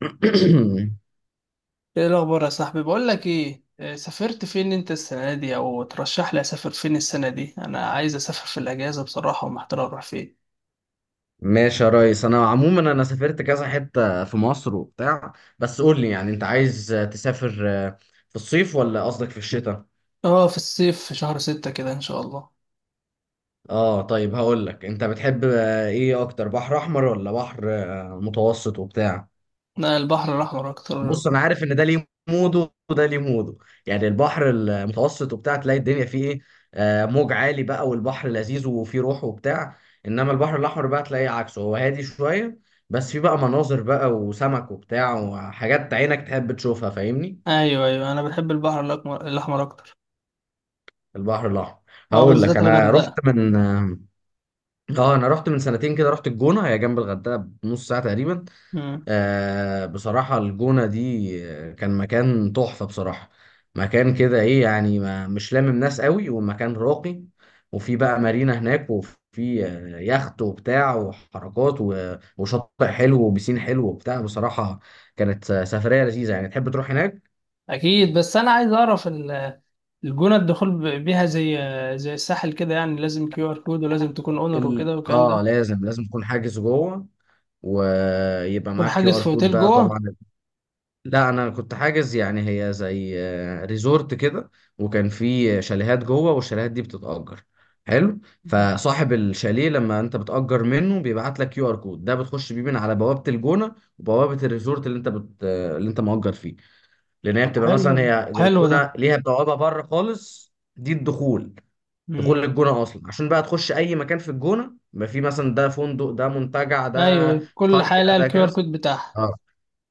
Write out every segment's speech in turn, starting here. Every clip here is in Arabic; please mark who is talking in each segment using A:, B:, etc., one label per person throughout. A: ايه الاخبار يا صاحبي؟ بقول لك ايه، سافرت فين انت السنه دي؟ او ترشح لي اسافر فين السنه دي. انا عايز اسافر في الاجازه بصراحه، ومحتار اروح فين.
B: ماشي يا ريس، انا عموما سافرت كذا حتة في مصر وبتاع. بس قول لي، يعني انت عايز تسافر في الصيف ولا قصدك في الشتاء؟
A: اه، في الصيف، في شهر ستة كده ان شاء الله.
B: اه، طيب. هقول لك، انت بتحب ايه اكتر؟ بحر احمر ولا بحر متوسط وبتاع؟
A: لا، البحر الاحمر اكتر.
B: بص، انا عارف ان ده ليه موده وده ليه موده. يعني البحر المتوسط وبتاع تلاقي الدنيا فيه ايه؟ موج عالي بقى، والبحر لذيذ وفيه روح وبتاع. انما البحر الاحمر بقى تلاقيه عكسه، هو هادي شويه. بس فيه بقى مناظر بقى وسمك وبتاع، وحاجات عينك تحب تشوفها، فاهمني.
A: ايوه ايوه، انا بحب البحر الأحمر اكتر.
B: البحر الاحمر.
A: اه،
B: هقول لك،
A: بالذات الغردقه.
B: انا رحت من سنتين كده، رحت الجونه، هي جنب الغردقه بنص ساعه تقريبا.
A: امم.
B: بصراحة الجونة دي كان مكان تحفة بصراحة. مكان كده ايه يعني، ما مش لامم ناس قوي، والمكان راقي. وفي بقى مارينا هناك، وفي يخت وبتاع وحركات، وشاطئ حلو وبسين حلو وبتاع بصراحة. كانت سفرية لذيذة، يعني تحب تروح هناك.
A: اكيد، بس انا عايز اعرف الجونه الدخول بيها زي الساحل كده، يعني لازم QR كود، ولازم تكون اونر
B: ال...
A: وكده والكلام
B: اه
A: ده.
B: لازم لازم تكون حاجز جوه، ويبقى
A: تكون
B: معاك كيو
A: حاجز في
B: ار كود
A: اوتيل
B: بقى
A: جوه؟
B: طبعا. لا، انا كنت حاجز، يعني هي زي ريزورت كده، وكان في شاليهات جوه، والشاليهات دي بتتأجر. حلو.
A: مم.
B: فصاحب الشاليه لما انت بتأجر منه، بيبعت لك كيو ار كود ده، بتخش بيه من على بوابة الجونة وبوابة الريزورت اللي انت مأجر فيه. لان هي
A: طب
B: بتبقى
A: حلو
B: مثلا،
A: ده،
B: هي
A: حلو ده.
B: الجونة ليها بوابة بره خالص، دي الدخول. دخول
A: امم.
B: للجونة اصلا، عشان بقى تخش اي مكان في الجونة، ما في مثلا ده فندق، ده منتجع، ده
A: ايوه، كل
B: قرية،
A: حاجه لها
B: ده
A: الكيو
B: كذا.
A: ار كود بتاعها.
B: اه،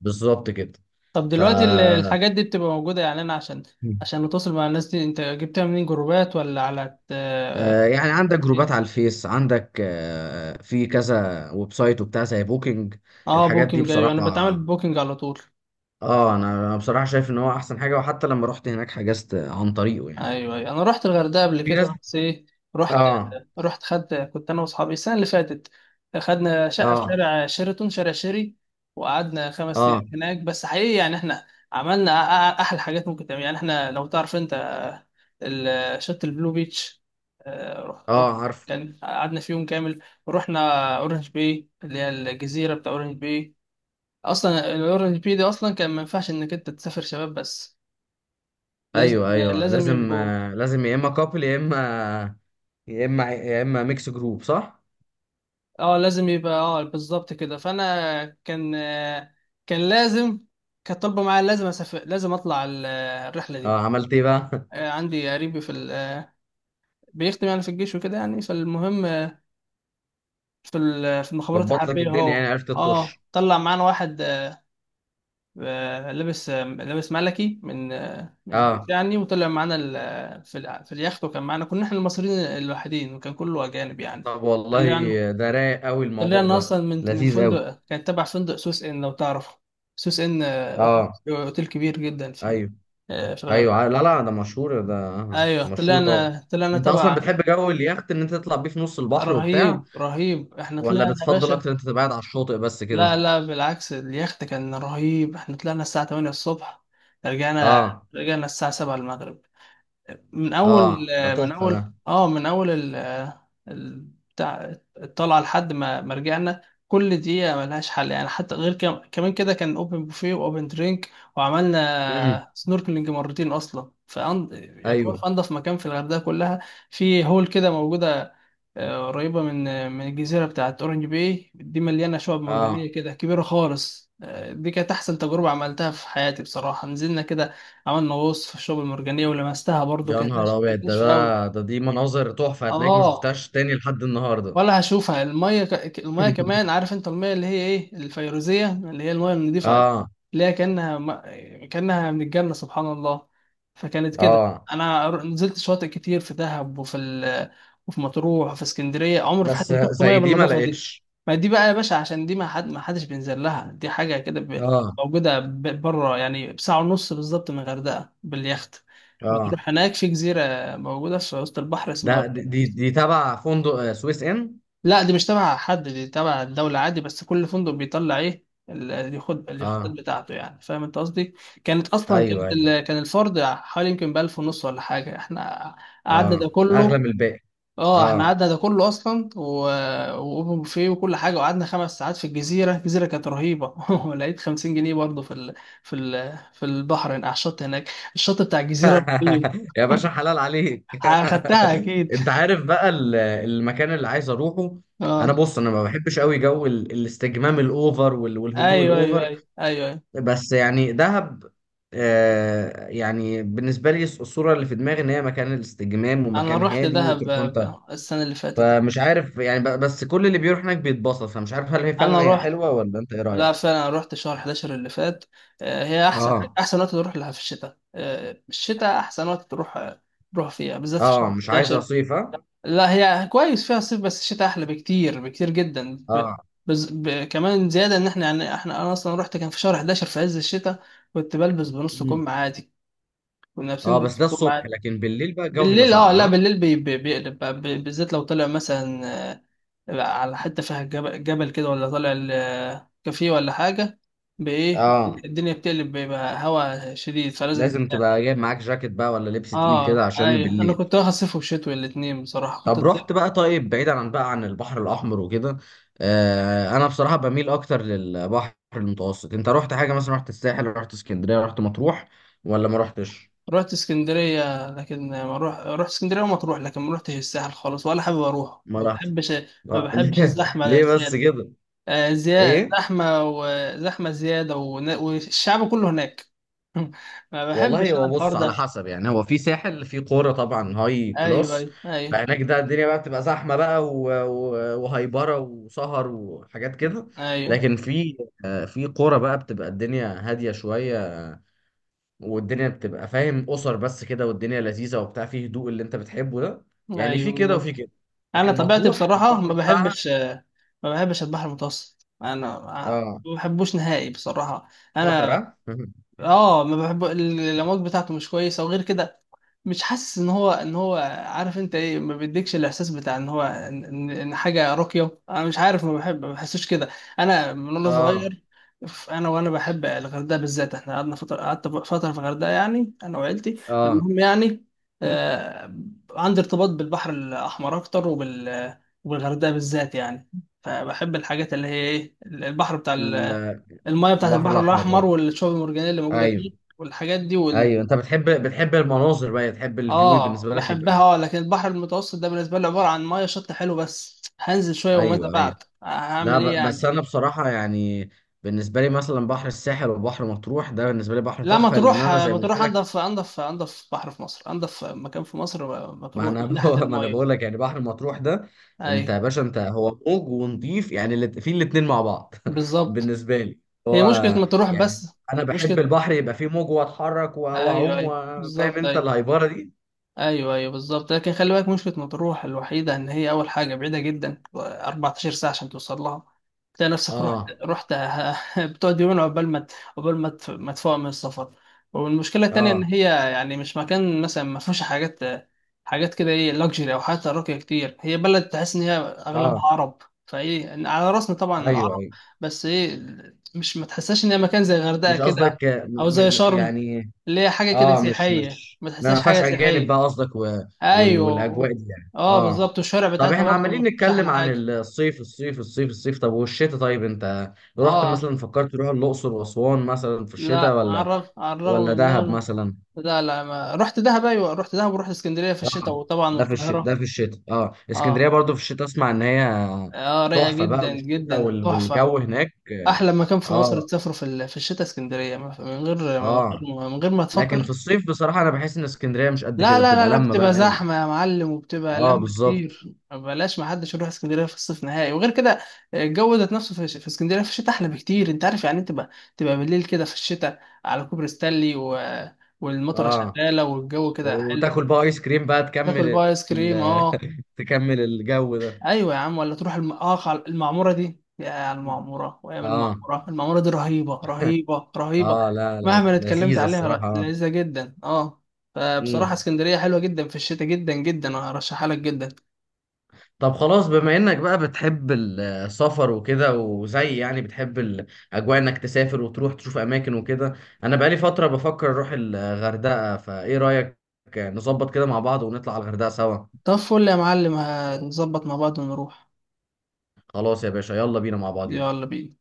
B: بالظبط كده.
A: طب
B: ف
A: دلوقتي الحاجات دي بتبقى موجوده، يعني انا عشان
B: مم.
A: عشان اتواصل مع الناس دي، انت جبتها منين؟ جروبات ولا على
B: آه، يعني عندك جروبات على الفيس، عندك في كذا ويب سايت وبتاع، زي بوكينج.
A: اه
B: الحاجات دي
A: بوكينج. ايوه انا
B: بصراحة.
A: بتعامل ببوكينج على طول.
B: انا بصراحة شايف ان هو احسن حاجة، وحتى لما رحت هناك حجزت عن طريقه يعني.
A: ايوه ايوه، انا رحت الغردقه قبل
B: في ناس.
A: كده، بس ايه، رحت
B: اه.
A: رحت خدت، كنت انا واصحابي السنه اللي فاتت. خدنا شقه في
B: اه.
A: شارع شيراتون، شارع شيري، وقعدنا 5 ايام
B: اه.
A: هناك. بس حقيقي يعني احنا عملنا احلى حاجات ممكن تعمل. يعني احنا، لو تعرف انت شط البلو بيتش، رح
B: اه، عارف.
A: كان، قعدنا في يوم كامل، ورحنا اورنج باي، اللي هي الجزيره بتاع اورنج باي. اصلا الاورنج باي دي اصلا كان ما ينفعش انك انت تسافر شباب بس، لازم
B: ايوه، ايوه،
A: لازم
B: لازم.
A: يبقوا
B: لازم يا اما كابل، يا اما ميكس جروب، صح.
A: اه، لازم يبقى اه، بالظبط كده. فانا كان، كان لازم، كانت طالبه معايا لازم اسافر، لازم اطلع الرحله دي.
B: اه، عملت ايه بقى؟
A: عندي قريبي في بيخدم يعني في الجيش وكده، يعني فالمهم في في المخابرات
B: ظبط لك
A: الحربيه
B: الدنيا، يعني
A: هو.
B: عرفت
A: اه،
B: تخش.
A: طلع معانا واحد لابس، لابس ملكي من الجيش
B: اه،
A: يعني، وطلع معانا في في اليخت. وكان معانا، كنا احنا المصريين الوحيدين، وكان كله اجانب يعني.
B: طب والله،
A: طلعنا،
B: ده رايق قوي،
A: اللي
B: الموضوع
A: انا
B: ده
A: اصلا من
B: لذيذ قوي.
A: فندق، كان تبع فندق سوس ان لو تعرفه، سوس ان، اوتيل
B: اه،
A: أوتيل كبير جدا في ال-
B: ايوه
A: آه، في
B: ايوه.
A: الغردقه.
B: لا لا، ده مشهور ده،
A: ايوه،
B: مشهور طبعا.
A: طلعنا
B: انت اصلا
A: تبع.
B: بتحب جو اليخت، ان انت تطلع بيه في نص البحر وبتاع،
A: رهيب رهيب، احنا
B: ولا
A: طلعنا يا
B: بتفضل
A: باشا.
B: اكتر انت تبقى قاعد على الشاطئ بس كده؟
A: لا لا، بالعكس، اليخت كان رهيب. احنا طلعنا الساعه 8 الصبح، رجعنا
B: اه
A: رجعنا الساعه 7 المغرب. من اول
B: اه، ده تحفه ده.
A: من اول ال- بتاع الطلعه، لحد ما رجعنا. كل دقيقه ملهاش حل يعني. حتى غير، كمان كده، كان اوبن بوفيه واوبن درينك.
B: امم
A: وعملنا سنوركلينج مرتين اصلا في يعتبر
B: ايوه،
A: في انضف مكان في الغردقه كلها. في هول كده موجوده، قريبة من، من الجزيرة بتاعت أورنج باي، دي مليانة شعب
B: اه.
A: مرجانية كده كبيرة خالص. دي كانت أحسن تجربة عملتها في حياتي بصراحة. نزلنا كده، عملنا غوص في الشعب المرجانية ولمستها برضو،
B: يا
A: كانت
B: نهار
A: ناشفة،
B: ابيض!
A: كانت
B: ده
A: ناشفة أوي.
B: ده ده دي مناظر تحفه، هتلاقيك ما
A: آه،
B: شفتهاش تاني لحد النهارده.
A: ولا هشوفها. الميه الميه كمان، عارف انت الميه اللي هي ايه، الفيروزيه، اللي هي الميه النظيفه،
B: اه
A: اللي هي كانها ما... كانها من الجنه، سبحان الله. فكانت كده.
B: اه،
A: انا نزلت شواطئ كتير في دهب، وفي وفي مطروح وفي اسكندريه، عمري في حياتي
B: بس
A: ما شفت ميه
B: زي دي ما
A: بالنظافه دي.
B: لقيتش.
A: ما دي بقى يا باشا، عشان دي، ما حدش بينزل لها. دي حاجه كده
B: اه
A: موجوده بره يعني، بساعه ونص بالظبط من الغردقه باليخت.
B: اه،
A: بتروح هناك في جزيره موجوده في وسط البحر
B: ده
A: اسمها،
B: دي دي دي تبع فندق سويس ان.
A: لا دي مش تبع حد، دي تبع الدولة عادي. بس كل فندق بيطلع ايه اللي ياخد اليخوتات
B: اه،
A: بتاعته، يعني فاهم انت قصدي. كانت اصلا،
B: ايوه ايوه،
A: كان الفرد حوالي يمكن بألف ونص ولا حاجة. احنا قعدنا ده
B: اه، اغلى
A: كله.
B: من الباقي.
A: اه، احنا
B: اه.
A: قعدنا ده كله اصلا، واوبن بوفيه وكل حاجة. وقعدنا 5 ساعات في الجزيرة. الجزيرة كانت رهيبة. ولقيت 50 جنيه برضه في في البحر هناك، على الشط هناك. الشط بتاع الجزيرة رهيب.
B: يا باشا، حلال عليك.
A: اخدتها اكيد.
B: انت عارف بقى المكان اللي عايز اروحه. انا
A: اه،
B: بص انا ما بحبش قوي جو الاستجمام الاوفر، والهدوء
A: ايوه ايوه
B: الاوفر.
A: ايوه ايوه،
B: بس يعني دهب، يعني بالنسبه لي الصوره اللي في دماغي ان هي مكان الاستجمام
A: انا
B: ومكان
A: رحت
B: هادي
A: دهب
B: تروح انت.
A: السنه اللي فاتت.
B: فمش عارف يعني، بس كل اللي بيروح هناك بيتبسط. فمش عارف هل هي
A: انا
B: فعلا هي
A: رحت،
B: حلوه، ولا انت ايه
A: لا
B: رايك؟
A: فعلا، أنا رحت شهر 11 اللي فات. آه، هي احسن،
B: اه
A: احسن وقت تروح لها في الشتاء. آه، الشتاء احسن وقت تروح، تروح فيها بالذات في
B: اه،
A: شهر
B: مش عايز
A: 11.
B: اصيف، ها.
A: لا هي كويس فيها صيف، بس الشتاء احلى بكتير، بكتير جدا
B: اه
A: كمان زياده ان احنا يعني، احنا انا اصلا رحت كان في شهر 11 في عز الشتاء، كنت بلبس بنص كم عادي، كنا لابسين
B: اه، بس
A: بنص
B: ده
A: كم
B: الصبح،
A: عادي.
B: لكن بالليل بقى الجو بيبقى
A: بالليل اه، لا
B: ساقع، ها.
A: بالليل بيقلب بقى، بالذات لو طلع مثلا، بقى على حتة فيها جبل, كده، ولا طالع كافيه ولا حاجة، بإيه
B: اه،
A: الدنيا بتقلب، بيبقى هوا شديد، فلازم
B: لازم تبقى
A: تنقل.
B: جايب معاك جاكيت بقى، ولا لبس تقيل كده
A: اه
B: عشان
A: ايوه، انا
B: بالليل.
A: كنت واخد صيف وشتوي الاتنين بصراحة، كنت
B: طب
A: صيف.
B: رحت بقى، طيب، بعيدا عن بقى عن البحر الاحمر وكده، انا بصراحة بميل اكتر للبحر المتوسط. انت رحت حاجة مثلا، رحت الساحل، رحت اسكندرية، رحت مطروح، ولا ما رحتش؟
A: رحت اسكندرية، لكن ما روح رحت اسكندرية وما تروح لكن ما روحتش الساحل خالص، ولا حابب اروح،
B: ما
A: ما
B: رحت.
A: بحبش. ما بحبش
B: ليه
A: الزحمة
B: ليه بس
A: زيادة،
B: كده؟
A: آه زيادة
B: ايه
A: زحمة، وزحمة زيادة، والشعب كله هناك. ما
B: والله،
A: بحبش انا
B: هو
A: الحوار
B: بص، على
A: ده.
B: حسب. يعني هو في ساحل، في قرى طبعا هاي
A: ايوه
B: كلاس،
A: ايوه ايوه
B: فهناك ده الدنيا بقى بتبقى زحمه بقى، وهايبره وسهر وحاجات كده.
A: ايوه،
B: لكن في في قرى بقى بتبقى الدنيا هاديه شويه، والدنيا بتبقى فاهم، اسر بس كده، والدنيا لذيذه وبتاع، فيه هدوء اللي انت بتحبه ده. يعني
A: ايوه
B: في كده وفي
A: بالظبط.
B: كده.
A: انا
B: لكن
A: طبيعتي
B: مطروح
A: بصراحه
B: البحر
A: ما
B: بتاعها.
A: بحبش، البحر المتوسط انا،
B: اه،
A: ما بحبوش نهائي بصراحه
B: خطر،
A: انا.
B: اه.
A: اه، ما بحب الامواج بتاعته مش كويسه، وغير كده مش حاسس ان هو، عارف انت ايه، ما بيديكش الاحساس بتاع ان هو، ان, إن إن حاجه راقيه. انا مش عارف، ما بحب، ما بحسوش كده، انا من وانا
B: اه
A: صغير. انا وانا بحب الغردقه بالذات. احنا قعدنا فتره قعدت فتره في الغردقه يعني، انا وعيلتي.
B: اه،
A: المهم يعني، آه، عندي ارتباط بالبحر الاحمر اكتر، وبال، وبالغردقه بالذات يعني. فبحب الحاجات اللي هي ايه، البحر بتاع،
B: ال-
A: المايه بتاعت
B: البحر
A: البحر
B: الاحمر. اه،
A: الاحمر، والشعب المرجانيه اللي موجوده
B: ايوه
A: فيه، والحاجات دي وال،
B: ايوه. انت بتحب المناظر بقى، تحب الفيو
A: اه
B: بالنسبه لك يبقى.
A: بحبها اه. لكن البحر المتوسط ده بالنسبه لي عباره عن مايه، شط حلو بس، هنزل شويه وماذا
B: ايوه
A: بعد،
B: ايوه. لا،
A: هعمل ايه
B: بس
A: يعني؟
B: انا بصراحه يعني، بالنسبه لي مثلا بحر الساحل وبحر مطروح، ده بالنسبه لي بحر
A: لا، ما
B: تحفه، لان
A: تروح،
B: انا زي
A: ما
B: ما قلت
A: تروح
B: لك.
A: انضف، انضف بحر في مصر، انضف مكان في مصر ما
B: ما
A: تروح من
B: انا ب...
A: ناحيه
B: ما انا
A: المايه.
B: بقول لك، يعني بحر مطروح ده،
A: اي،
B: انت يا باشا هو موج ونضيف. يعني في الاتنين مع بعض.
A: بالظبط.
B: بالنسبه لي،
A: هي
B: هو
A: مشكله، ما تروح
B: يعني
A: بس.
B: انا بحب
A: مشكله،
B: البحر يبقى فيه موج، واتحرك
A: ايوه
B: واعوم،
A: ايوه
B: فاهم
A: بالظبط،
B: انت
A: ايوه،
B: الهايبره دي.
A: ايوه ايوه بالظبط. لكن خلي بالك، مشكله مطروح الوحيده ان هي، اول حاجه، بعيده جدا، 14 ساعه عشان توصل لها. تلاقي نفسك رحت،
B: اه،
A: رحت، بتقعد يومين عقبال ما ما تفوق من السفر. والمشكله التانيه ان
B: اه،
A: هي يعني، مش مكان مثلا، ما فيهوش حاجات، حاجات كده ايه، لوكسجري، او حتى راقيه كتير. هي بلد تحس ان هي اغلبها
B: اه،
A: عرب، فايه، إن على راسنا طبعا
B: ايوه
A: العرب،
B: ايوه.
A: بس ايه، مش، ما تحسهاش ان هي مكان زي الغردقه
B: مش
A: كده،
B: قصدك
A: او
B: م
A: زي
B: م
A: شرم،
B: يعني.
A: اللي هي حاجه كده
B: اه، مش
A: سياحيه،
B: مش
A: ما
B: ما
A: تحسهاش
B: ما
A: حاجه
B: فيهاش اجانب بقى
A: سياحيه.
B: قصدك،
A: ايوه.
B: والاجواء دي يعني،
A: اه
B: اه.
A: بالظبط، الشوارع
B: طب،
A: بتاعتها
B: احنا عمالين
A: برضه مش احلى
B: نتكلم عن
A: حاجه.
B: الصيف الصيف الصيف الصيف، طب والشتاء؟ طيب انت رحت
A: اه،
B: مثلا، فكرت تروح الاقصر واسوان مثلا في الشتاء،
A: لا على
B: ولا
A: الرغم، على
B: ولا
A: الرغم من ان
B: دهب
A: انا،
B: مثلا.
A: لا لا، ما رحت دهب، ايوه رحت دهب، ورحت اسكندريه في الشتاء،
B: اه،
A: وطبعا
B: ده
A: القاهره.
B: في الشتاء. اه، اسكندريه
A: اه
B: برضو في الشتاء، اسمع ان هي
A: اه رايقه
B: تحفه بقى،
A: جدا
B: والشتاء
A: جدا، تحفه.
B: والجو هناك.
A: احلى مكان في مصر
B: اه
A: تسافره في في الشتاء اسكندريه،
B: اه.
A: من غير ما
B: لكن في
A: تفكر.
B: الصيف بصراحه، انا بحس ان اسكندريه مش قد
A: لا
B: كده،
A: لا
B: بتبقى
A: لا لا،
B: لما
A: بتبقى
B: بقى قوي.
A: زحمة يا معلم، وبتبقى
B: اه،
A: لم
B: بالظبط،
A: كتير، بلاش ما حدش يروح اسكندرية في الصيف نهائي. وغير كده الجو ذات نفسه في، اسكندرية في الشتاء أحلى بكتير. أنت عارف يعني إيه تبقى، تبقى بالليل كده في الشتاء على كوبري ستانلي، والمطرة
B: اه.
A: شغالة، والجو كده حلو،
B: وتاكل بقى ايس كريم بقى،
A: تاكل
B: تكمل
A: بقى آيس كريم،
B: ال...
A: أه،
B: تكمل الجو ده.
A: ايوه يا عم. ولا تروح المعموره دي، يا المعموره، وايام
B: اه
A: المعموره دي رهيبه رهيبه رهيبه،
B: اه، لا لا،
A: مهما اتكلمت
B: لذيذة الصراحة،
A: عليها،
B: اه.
A: لذيذه جدا اه. فبصراحه
B: امم
A: اسكندريه حلوه جدا في الشتاء، جدا جدا، وهرشحها لك جدا.
B: طب خلاص، بما انك بقى بتحب السفر وكده، وزي يعني بتحب الاجواء انك تسافر وتروح تشوف اماكن وكده، انا بقالي فترة بفكر اروح الغردقة، فايه رأيك؟ نظبط كده مع بعض ونطلع على الغردقة سوا.
A: طب فل يا معلم، هنظبط مع بعض ونروح.
B: خلاص يا باشا، يلا بينا مع بعض.
A: يلا بينا.